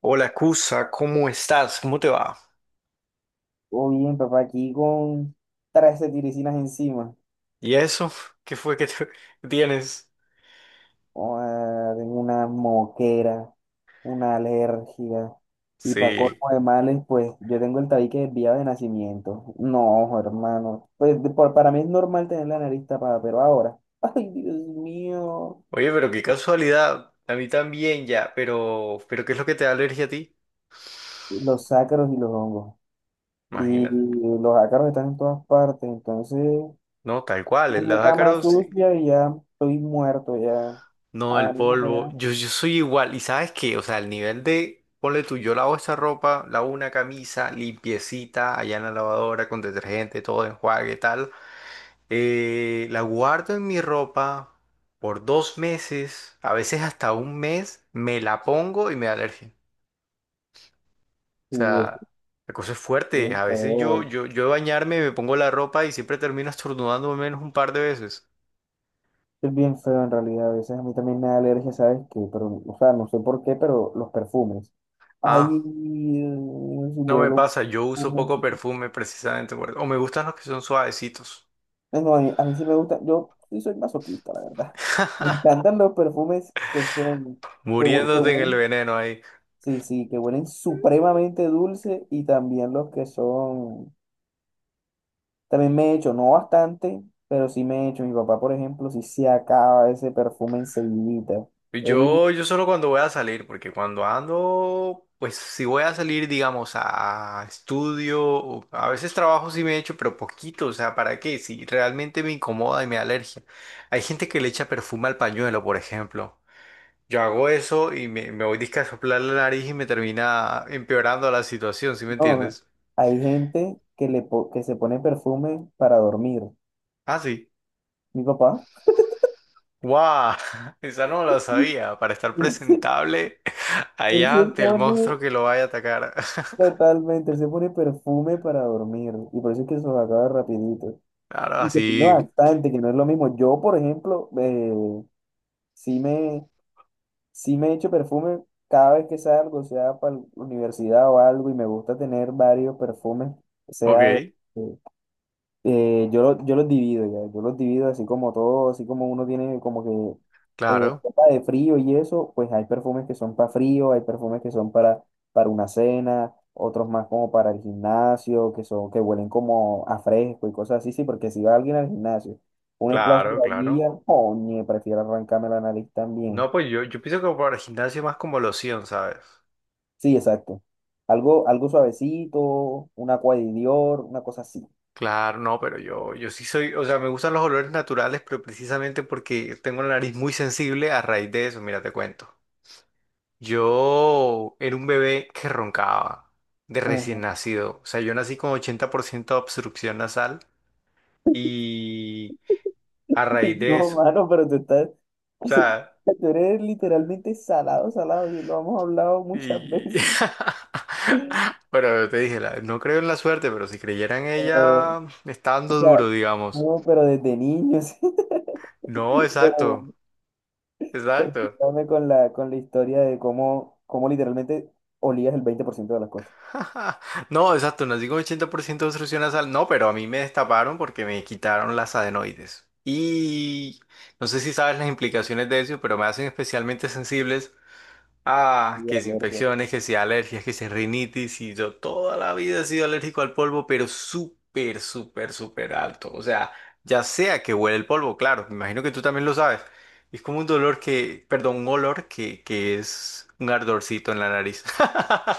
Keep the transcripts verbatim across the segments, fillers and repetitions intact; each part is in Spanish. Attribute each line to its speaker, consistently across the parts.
Speaker 1: Hola, Cusa, ¿cómo estás? ¿Cómo te va?
Speaker 2: Todo bien, papá, aquí con trece tiricinas encima.
Speaker 1: ¿Y eso? ¿Qué fue que te- tienes?
Speaker 2: Joda, tengo una moquera, una alergia. Y para
Speaker 1: Sí.
Speaker 2: colmo de males, pues yo tengo el tabique desviado de nacimiento. No, hermano. Pues de- por- para mí es normal tener la nariz tapada, pero ahora. Ay, Dios mío.
Speaker 1: Oye, pero qué casualidad. A mí también ya, pero, pero ¿qué es lo que te da alergia a ti?
Speaker 2: Los ácaros y los hongos. Y
Speaker 1: Imagínate.
Speaker 2: los ácaros están en todas partes. Entonces,
Speaker 1: No, tal cual,
Speaker 2: una
Speaker 1: los
Speaker 2: cama
Speaker 1: ácaros, sí.
Speaker 2: sucia y ya estoy muerto, ya.
Speaker 1: No, el
Speaker 2: Abanico
Speaker 1: polvo.
Speaker 2: pegado.
Speaker 1: Yo, yo soy igual. ¿Y sabes qué? O sea, el nivel de, ponle tú, yo lavo esta ropa, lavo una camisa, limpiecita, allá en la lavadora, con detergente, todo enjuague, tal. Eh, la guardo en mi ropa por dos meses, a veces hasta un mes, me la pongo y me da alergia. O
Speaker 2: Sí, eso
Speaker 1: sea,
Speaker 2: es
Speaker 1: la cosa es fuerte.
Speaker 2: bien
Speaker 1: A veces yo,
Speaker 2: feo.
Speaker 1: yo, yo de bañarme me pongo la ropa y siempre termino estornudando al menos un par de veces.
Speaker 2: Es bien feo en realidad, a veces a mí también me da alergia, ¿sabes qué? Pero, o sea, no sé por qué, pero los perfumes. Ay,
Speaker 1: Ah,
Speaker 2: si
Speaker 1: no me
Speaker 2: vuelo.
Speaker 1: pasa, yo uso poco
Speaker 2: Ujú.
Speaker 1: perfume precisamente por- O me gustan los que son suavecitos.
Speaker 2: Eh, No, a mí, a mí sí me gusta, yo sí soy masoquista, la verdad. Me encantan los perfumes que son, que, hue- que
Speaker 1: Muriéndote en el
Speaker 2: huelen,
Speaker 1: veneno ahí.
Speaker 2: sí, sí, que huelen supremamente dulce y también los que son, también me he hecho, no bastante, pero sí me he hecho. Mi papá, por ejemplo, sí se acaba ese perfume enseguidita. Él
Speaker 1: Yo, yo solo cuando voy a salir, porque cuando ando, pues si voy a salir, digamos, a estudio, o- a veces trabajo sí me echo, pero poquito, o sea, ¿para qué? Si realmente me incomoda y me da alergia. Hay gente que le echa perfume al pañuelo, por ejemplo. Yo hago eso y me, me voy disque a soplar la nariz y me termina empeorando la situación, ¿sí me
Speaker 2: No,
Speaker 1: entiendes?
Speaker 2: hay gente que, le po- que se pone perfume para dormir.
Speaker 1: Ah, sí.
Speaker 2: Mi papá,
Speaker 1: ¡Guau! Esa no la sabía, para estar
Speaker 2: él se,
Speaker 1: presentable
Speaker 2: él
Speaker 1: allá
Speaker 2: se
Speaker 1: ante el
Speaker 2: pone
Speaker 1: monstruo que lo vaya a atacar.
Speaker 2: totalmente, él se pone perfume para dormir. Y por eso es que se los acaba rapidito.
Speaker 1: Claro,
Speaker 2: Y se pone
Speaker 1: así.
Speaker 2: bastante, que no es lo mismo. Yo, por ejemplo, eh, sí me, sí me echo perfume cada vez que salgo, sea para la universidad o algo, y me gusta tener varios perfumes, sea de,
Speaker 1: Ok.
Speaker 2: Eh, yo, lo- yo los divido ya, yo los divido así como todo, así como uno tiene como que eh,
Speaker 1: Claro,
Speaker 2: ropa de frío y eso, pues hay perfumes que son para frío, hay perfumes que son para, para una cena, otros más como para el gimnasio, que son, que huelen como a fresco y cosas así, sí, porque si va alguien al gimnasio, un splash de
Speaker 1: claro, claro.
Speaker 2: vainilla, oye, prefiero arrancarme la nariz también.
Speaker 1: No, pues yo, yo pienso que para el gimnasio más como loción, ¿sabes?
Speaker 2: Sí, exacto. Algo, algo suavecito, una Aqua de Dior, una cosa así.
Speaker 1: Claro, no, pero yo, yo sí soy, o sea, me gustan los olores naturales, pero precisamente porque tengo la nariz muy sensible a raíz de eso, mira, te cuento. Yo era un bebé que roncaba de recién nacido, o sea, yo nací con ochenta por ciento de obstrucción nasal y a raíz de
Speaker 2: No,
Speaker 1: eso, o
Speaker 2: mano, pero tú estás,
Speaker 1: sea...
Speaker 2: tú eres literalmente salado, salado, y lo hemos hablado muchas
Speaker 1: Y...
Speaker 2: veces.
Speaker 1: Pero te dije, la- no creo en la suerte, pero si creyera en
Speaker 2: Pero,
Speaker 1: ella, está
Speaker 2: o
Speaker 1: dando
Speaker 2: sea,
Speaker 1: duro, digamos.
Speaker 2: no, pero desde niños,
Speaker 1: No,
Speaker 2: pero
Speaker 1: exacto, exacto.
Speaker 2: continuame con la, con la historia de cómo, cómo literalmente olías el veinte por ciento de las cosas.
Speaker 1: No, exacto, nací con ochenta por ciento de obstrucción nasal. No, pero a mí me destaparon porque me quitaron las adenoides. Y no sé si sabes las implicaciones de eso, pero me hacen especialmente sensibles. Ah,
Speaker 2: Y
Speaker 1: que si
Speaker 2: alergias.
Speaker 1: infecciones, que si alergias, que si rinitis, y yo toda la vida he sido alérgico al polvo, pero súper, súper, súper alto. O sea, ya sea que huele el polvo, claro, me imagino que tú también lo sabes. Es como un dolor que, perdón, un olor que, que es un ardorcito en la nariz.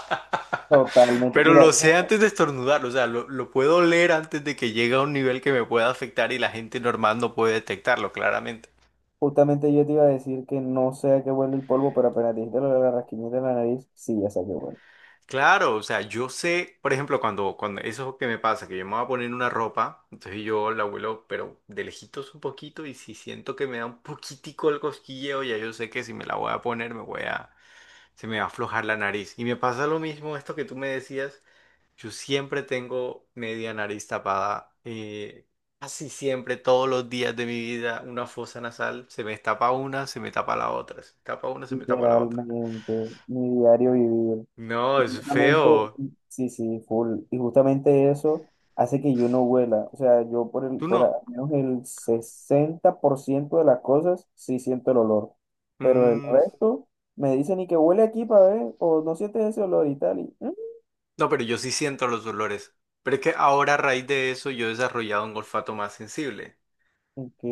Speaker 2: Totalmente.
Speaker 1: Pero
Speaker 2: Mira,
Speaker 1: lo sé
Speaker 2: ju-
Speaker 1: antes de estornudar, o sea, lo, lo puedo oler antes de que llegue a un nivel que me pueda afectar y la gente normal no puede detectarlo, claramente.
Speaker 2: justamente yo te iba a decir que no sé a qué huele el polvo, pero apenas dijiste lo de la rasquiñita en la nariz, sí, ya sé a qué huele.
Speaker 1: Claro, o sea, yo sé, por ejemplo, cuando, cuando eso que me pasa, que yo me voy a poner una ropa, entonces yo la vuelo, pero de lejitos un poquito, y si siento que me da un poquitico el cosquilleo, ya yo sé que si me la voy a poner, me voy a, se me va a aflojar la nariz. Y me pasa lo mismo, esto que tú me decías, yo siempre tengo media nariz tapada, eh, casi siempre, todos los días de mi vida, una fosa nasal, se me tapa una, se me tapa la otra, se me tapa una, se me tapa la otra.
Speaker 2: Literalmente, mi diario vivir.
Speaker 1: No,
Speaker 2: Y
Speaker 1: es
Speaker 2: justamente,
Speaker 1: feo.
Speaker 2: sí, sí, full. Y justamente eso hace que yo no huela. O sea, yo por el,
Speaker 1: Tú
Speaker 2: por al
Speaker 1: no.
Speaker 2: menos el sesenta por ciento de las cosas sí siento el olor. Pero el
Speaker 1: Mm,
Speaker 2: resto me dicen y que huele aquí para ver, o no sientes ese olor y tal. Y, "Mm,
Speaker 1: no, pero yo sí siento los dolores. Pero es que ahora a raíz de eso yo he desarrollado un olfato más sensible.
Speaker 2: ok."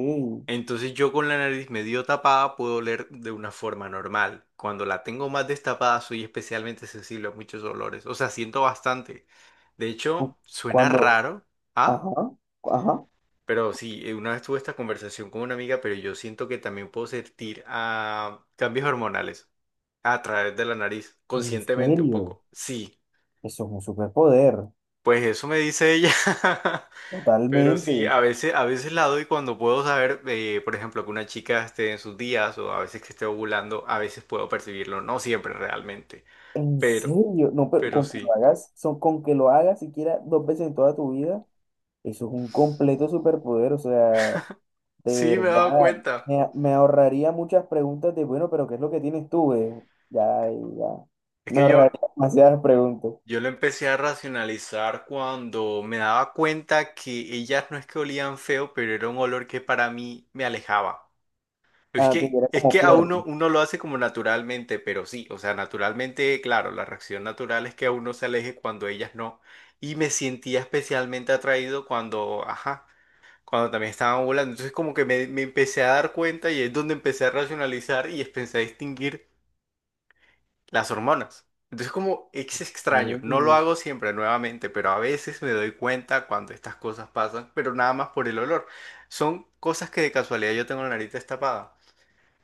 Speaker 1: Entonces yo con la nariz medio tapada puedo oler de una forma normal. Cuando la tengo más destapada soy especialmente sensible a muchos olores. O sea, siento bastante. De
Speaker 2: Cu-
Speaker 1: hecho, suena
Speaker 2: Cuando,
Speaker 1: raro, ¿ah?
Speaker 2: ajá, ajá,
Speaker 1: Pero sí, eh, una vez tuve esta conversación con una amiga, pero yo siento que también puedo sentir ah, cambios hormonales a través de la nariz,
Speaker 2: en
Speaker 1: conscientemente un
Speaker 2: serio,
Speaker 1: poco. Sí,
Speaker 2: eso es un superpoder,
Speaker 1: pues eso me dice ella. Pero sí,
Speaker 2: totalmente.
Speaker 1: a veces, a veces la doy cuando puedo saber, eh, por ejemplo, que una chica esté en sus días o a veces que esté ovulando, a veces puedo percibirlo, no siempre realmente,
Speaker 2: En
Speaker 1: pero,
Speaker 2: serio, no, pero
Speaker 1: pero
Speaker 2: con que lo
Speaker 1: sí,
Speaker 2: hagas, son, con que lo hagas siquiera dos veces en toda tu vida, eso es un completo superpoder, o sea, de
Speaker 1: sí me he dado
Speaker 2: verdad,
Speaker 1: cuenta.
Speaker 2: me, a- me ahorraría muchas preguntas de, bueno, pero ¿qué es lo que tienes tú, eh? Ya, ya,
Speaker 1: Es
Speaker 2: me
Speaker 1: que yo,
Speaker 2: ahorraría demasiadas preguntas.
Speaker 1: yo lo empecé a racionalizar cuando me daba cuenta que ellas no es que olían feo, pero era un olor que para mí me alejaba. Es
Speaker 2: Ah, que
Speaker 1: que,
Speaker 2: era
Speaker 1: es
Speaker 2: como
Speaker 1: que a
Speaker 2: fuerte.
Speaker 1: uno, uno lo hace como naturalmente, pero sí, o sea, naturalmente, claro, la reacción natural es que a uno se aleje cuando ellas no. Y me sentía especialmente atraído cuando, ajá, cuando también estaban volando. Entonces como que me, me empecé a dar cuenta y es donde empecé a racionalizar y empecé a distinguir las hormonas. Entonces como es extraño, no lo hago siempre nuevamente, pero a veces me doy cuenta cuando estas cosas pasan, pero nada más por el olor. Son cosas que de casualidad yo tengo la nariz destapada.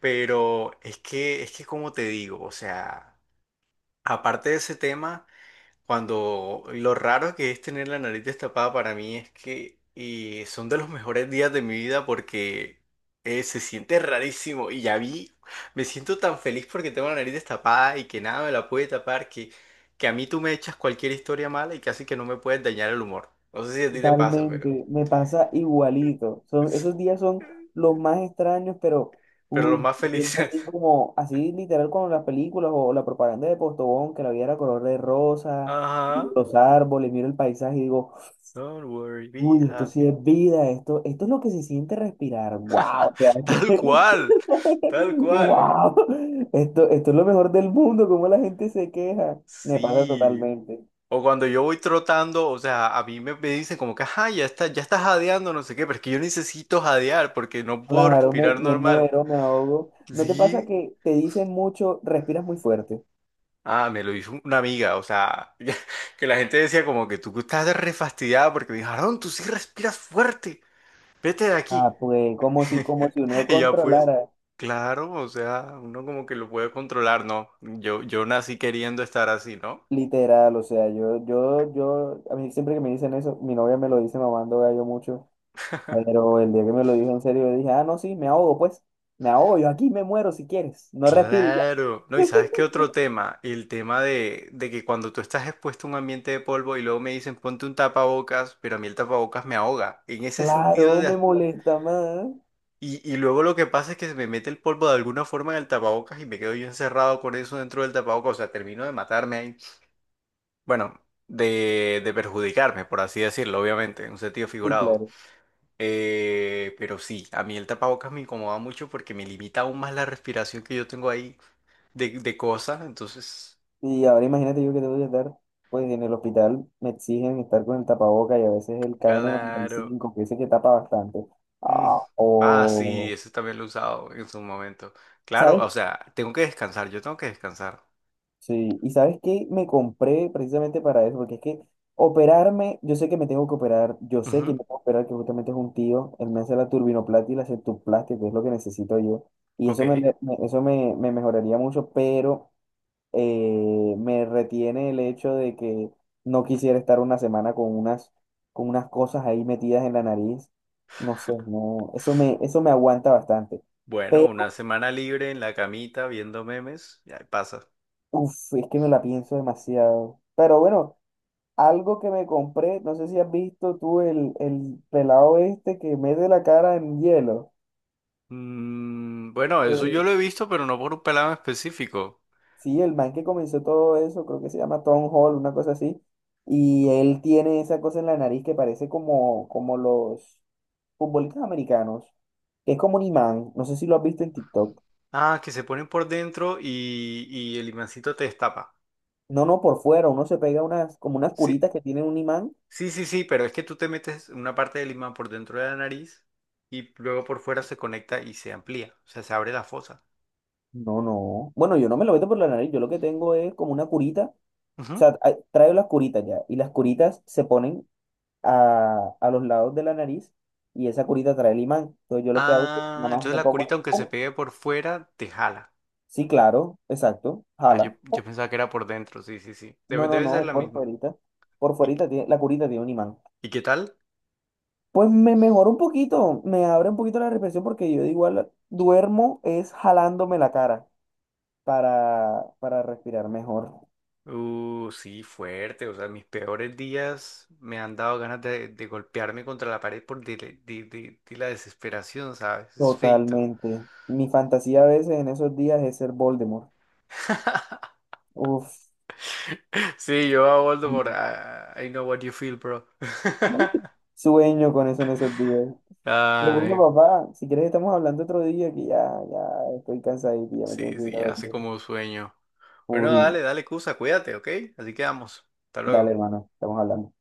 Speaker 1: Pero es que, es que como te digo, o sea, aparte de ese tema, cuando lo raro que es tener la nariz destapada para mí es que eh, son de los mejores días de mi vida porque eh, se siente rarísimo y ya vi, me siento tan feliz porque tengo la nariz destapada y que nada me la puede tapar, que, que a mí tú me echas cualquier historia mala y casi que no me puedes dañar el humor. No sé si a ti te pasa, pero...
Speaker 2: Totalmente, me pasa igualito. Son, esos días son los más extraños, pero
Speaker 1: Pero los
Speaker 2: uy,
Speaker 1: más
Speaker 2: me siento
Speaker 1: felices.
Speaker 2: así como, así literal como las películas o la propaganda de Postobón, que la vida era color de rosa, miro
Speaker 1: Ajá.
Speaker 2: los árboles, miro el paisaje y digo,
Speaker 1: Don't worry, be
Speaker 2: uy, esto sí
Speaker 1: happy.
Speaker 2: es vida, esto, esto es lo que se siente respirar. Wow, o sea, esto
Speaker 1: Tal
Speaker 2: es-
Speaker 1: cual, tal cual.
Speaker 2: wow, esto, esto es lo mejor del mundo, como la gente se queja. Me pasa
Speaker 1: Sí.
Speaker 2: totalmente.
Speaker 1: O cuando yo voy trotando, o sea, a mí me, me dicen como que, ajá, ya está, ya estás jadeando, no sé qué, pero es que yo necesito jadear porque no puedo
Speaker 2: Claro, me,
Speaker 1: respirar
Speaker 2: me
Speaker 1: normal.
Speaker 2: muero, me ahogo. ¿No te pasa
Speaker 1: Sí.
Speaker 2: que te dicen mucho, respiras muy fuerte?
Speaker 1: Ah, me lo hizo una amiga, o sea, que la gente decía como que tú estás refastidiada porque me dijo, Aarón, tú sí respiras fuerte, vete de aquí.
Speaker 2: Ah, pues como si, como si uno
Speaker 1: Y ya pues,
Speaker 2: controlara,
Speaker 1: claro, o sea, uno como que lo puede controlar, ¿no? Yo, yo nací queriendo estar así, ¿no?
Speaker 2: literal, o sea, yo, yo, yo, a mí siempre que me dicen eso, mi novia me lo dice mamando gallo mucho, pero el día que me lo dijo en serio, yo dije, ah, no, sí, me ahogo, pues, me ahogo, yo aquí me muero si quieres, no respiro y ya.
Speaker 1: Claro, no, y sabes qué otro tema, el tema de, de que cuando tú estás expuesto a un ambiente de polvo y luego me dicen ponte un tapabocas, pero a mí el tapabocas me ahoga. En ese sentido
Speaker 2: Claro,
Speaker 1: de...
Speaker 2: me
Speaker 1: as-
Speaker 2: molesta más.
Speaker 1: Y, y luego lo que pasa es que se me mete el polvo de alguna forma en el tapabocas y me quedo yo encerrado con eso dentro del tapabocas, o sea, termino de matarme ahí. Bueno, de, de perjudicarme, por así decirlo, obviamente, en un sentido
Speaker 2: Sí,
Speaker 1: figurado.
Speaker 2: claro.
Speaker 1: Eh, pero sí, a mí el tapabocas me incomoda mucho porque me limita aún más la respiración que yo tengo ahí de, de cosas, entonces...
Speaker 2: Y ahora imagínate yo que tengo que estar, pues en el hospital me exigen estar con el tapaboca y a veces el kn
Speaker 1: Claro.
Speaker 2: cinco que ese que tapa bastante.
Speaker 1: Mm.
Speaker 2: Ah,
Speaker 1: Ah, sí,
Speaker 2: o,
Speaker 1: ese también lo he usado en su momento. Claro,
Speaker 2: ¿sabes?
Speaker 1: o sea, tengo que descansar, yo tengo que descansar.
Speaker 2: Sí, y ¿sabes qué? Me compré precisamente para eso, porque es que operarme, yo sé que me tengo que operar, yo sé que me
Speaker 1: Ujú,
Speaker 2: tengo que operar, que justamente es un tío, él me hace la turbinoplastia y la septoplastia, que es lo que necesito yo, y eso me,
Speaker 1: ok.
Speaker 2: le- me- eso me, me mejoraría mucho, pero eh, me retiene el hecho de que no quisiera estar una semana con unas, con unas cosas ahí metidas en la nariz. No sé, no, eso me, eso me aguanta bastante.
Speaker 1: Bueno, una
Speaker 2: Pero,
Speaker 1: semana libre en la camita viendo memes, ya pasa.
Speaker 2: uff, es que me la pienso demasiado. Pero bueno, algo que me compré, no sé si has visto tú el, el pelado este que mete la cara en hielo.
Speaker 1: Mm, bueno, eso yo
Speaker 2: Eh,
Speaker 1: lo he visto, pero no por un pelado en específico.
Speaker 2: sí, el man que comenzó todo eso, creo que se llama Tom Hall, una cosa así. Y él tiene esa cosa en la nariz que parece como, como los, futbolistas americanos, que es como un imán, no sé si lo has visto en TikTok.
Speaker 1: Ah, que se ponen por dentro y, y el imancito te destapa.
Speaker 2: No, no, por fuera, uno se pega unas, como unas
Speaker 1: Sí,
Speaker 2: curitas que tienen un imán.
Speaker 1: sí, sí, sí, pero es que tú te metes una parte del imán por dentro de la nariz y luego por fuera se conecta y se amplía, o sea, se abre la fosa.
Speaker 2: No, no. Bueno, yo no me lo meto por la nariz, yo lo que tengo es como una curita. O sea,
Speaker 1: Ujú.
Speaker 2: a- traigo las curitas ya, y las curitas se ponen a, a los lados de la nariz, y esa curita trae el imán. Entonces yo lo que hago es que
Speaker 1: Ah,
Speaker 2: nada más
Speaker 1: entonces
Speaker 2: me
Speaker 1: la curita,
Speaker 2: pongo.
Speaker 1: aunque se
Speaker 2: ¡Pum!
Speaker 1: pegue por fuera, te jala.
Speaker 2: Sí, claro, exacto,
Speaker 1: Ah, yo,
Speaker 2: jala. ¡Pum!
Speaker 1: yo pensaba que era por dentro, sí, sí, sí. Debe,
Speaker 2: No, no,
Speaker 1: debe
Speaker 2: no,
Speaker 1: ser
Speaker 2: es
Speaker 1: la
Speaker 2: por
Speaker 1: misma.
Speaker 2: fuerita. Por
Speaker 1: ¿Y,
Speaker 2: fuerita tiene, la curita tiene un imán.
Speaker 1: y qué tal?
Speaker 2: Pues me mejora un poquito, me abre un poquito la respiración porque yo de igual duermo es jalándome la cara para, para respirar mejor.
Speaker 1: Uh, sí, fuerte. O sea, mis peores días me han dado ganas de, de golpearme contra la pared por de, de- de- de la desesperación, ¿sabes? Es feito.
Speaker 2: Totalmente. Mi fantasía a veces en esos días es ser Voldemort. Uf,
Speaker 1: Sí, yo a Voldemort. I, I know what you feel, bro.
Speaker 2: sueño con eso en esos días. Pero bueno,
Speaker 1: Ay,
Speaker 2: papá, si quieres estamos hablando otro día que ya, ya estoy cansadito y ya me tengo
Speaker 1: sí,
Speaker 2: que ir a
Speaker 1: sí, hace
Speaker 2: dormir.
Speaker 1: como un sueño. Bueno,
Speaker 2: Full.
Speaker 1: dale, dale, Cusa, cuídate, ¿ok? Así quedamos. Hasta
Speaker 2: Dale,
Speaker 1: luego.
Speaker 2: hermano, estamos hablando.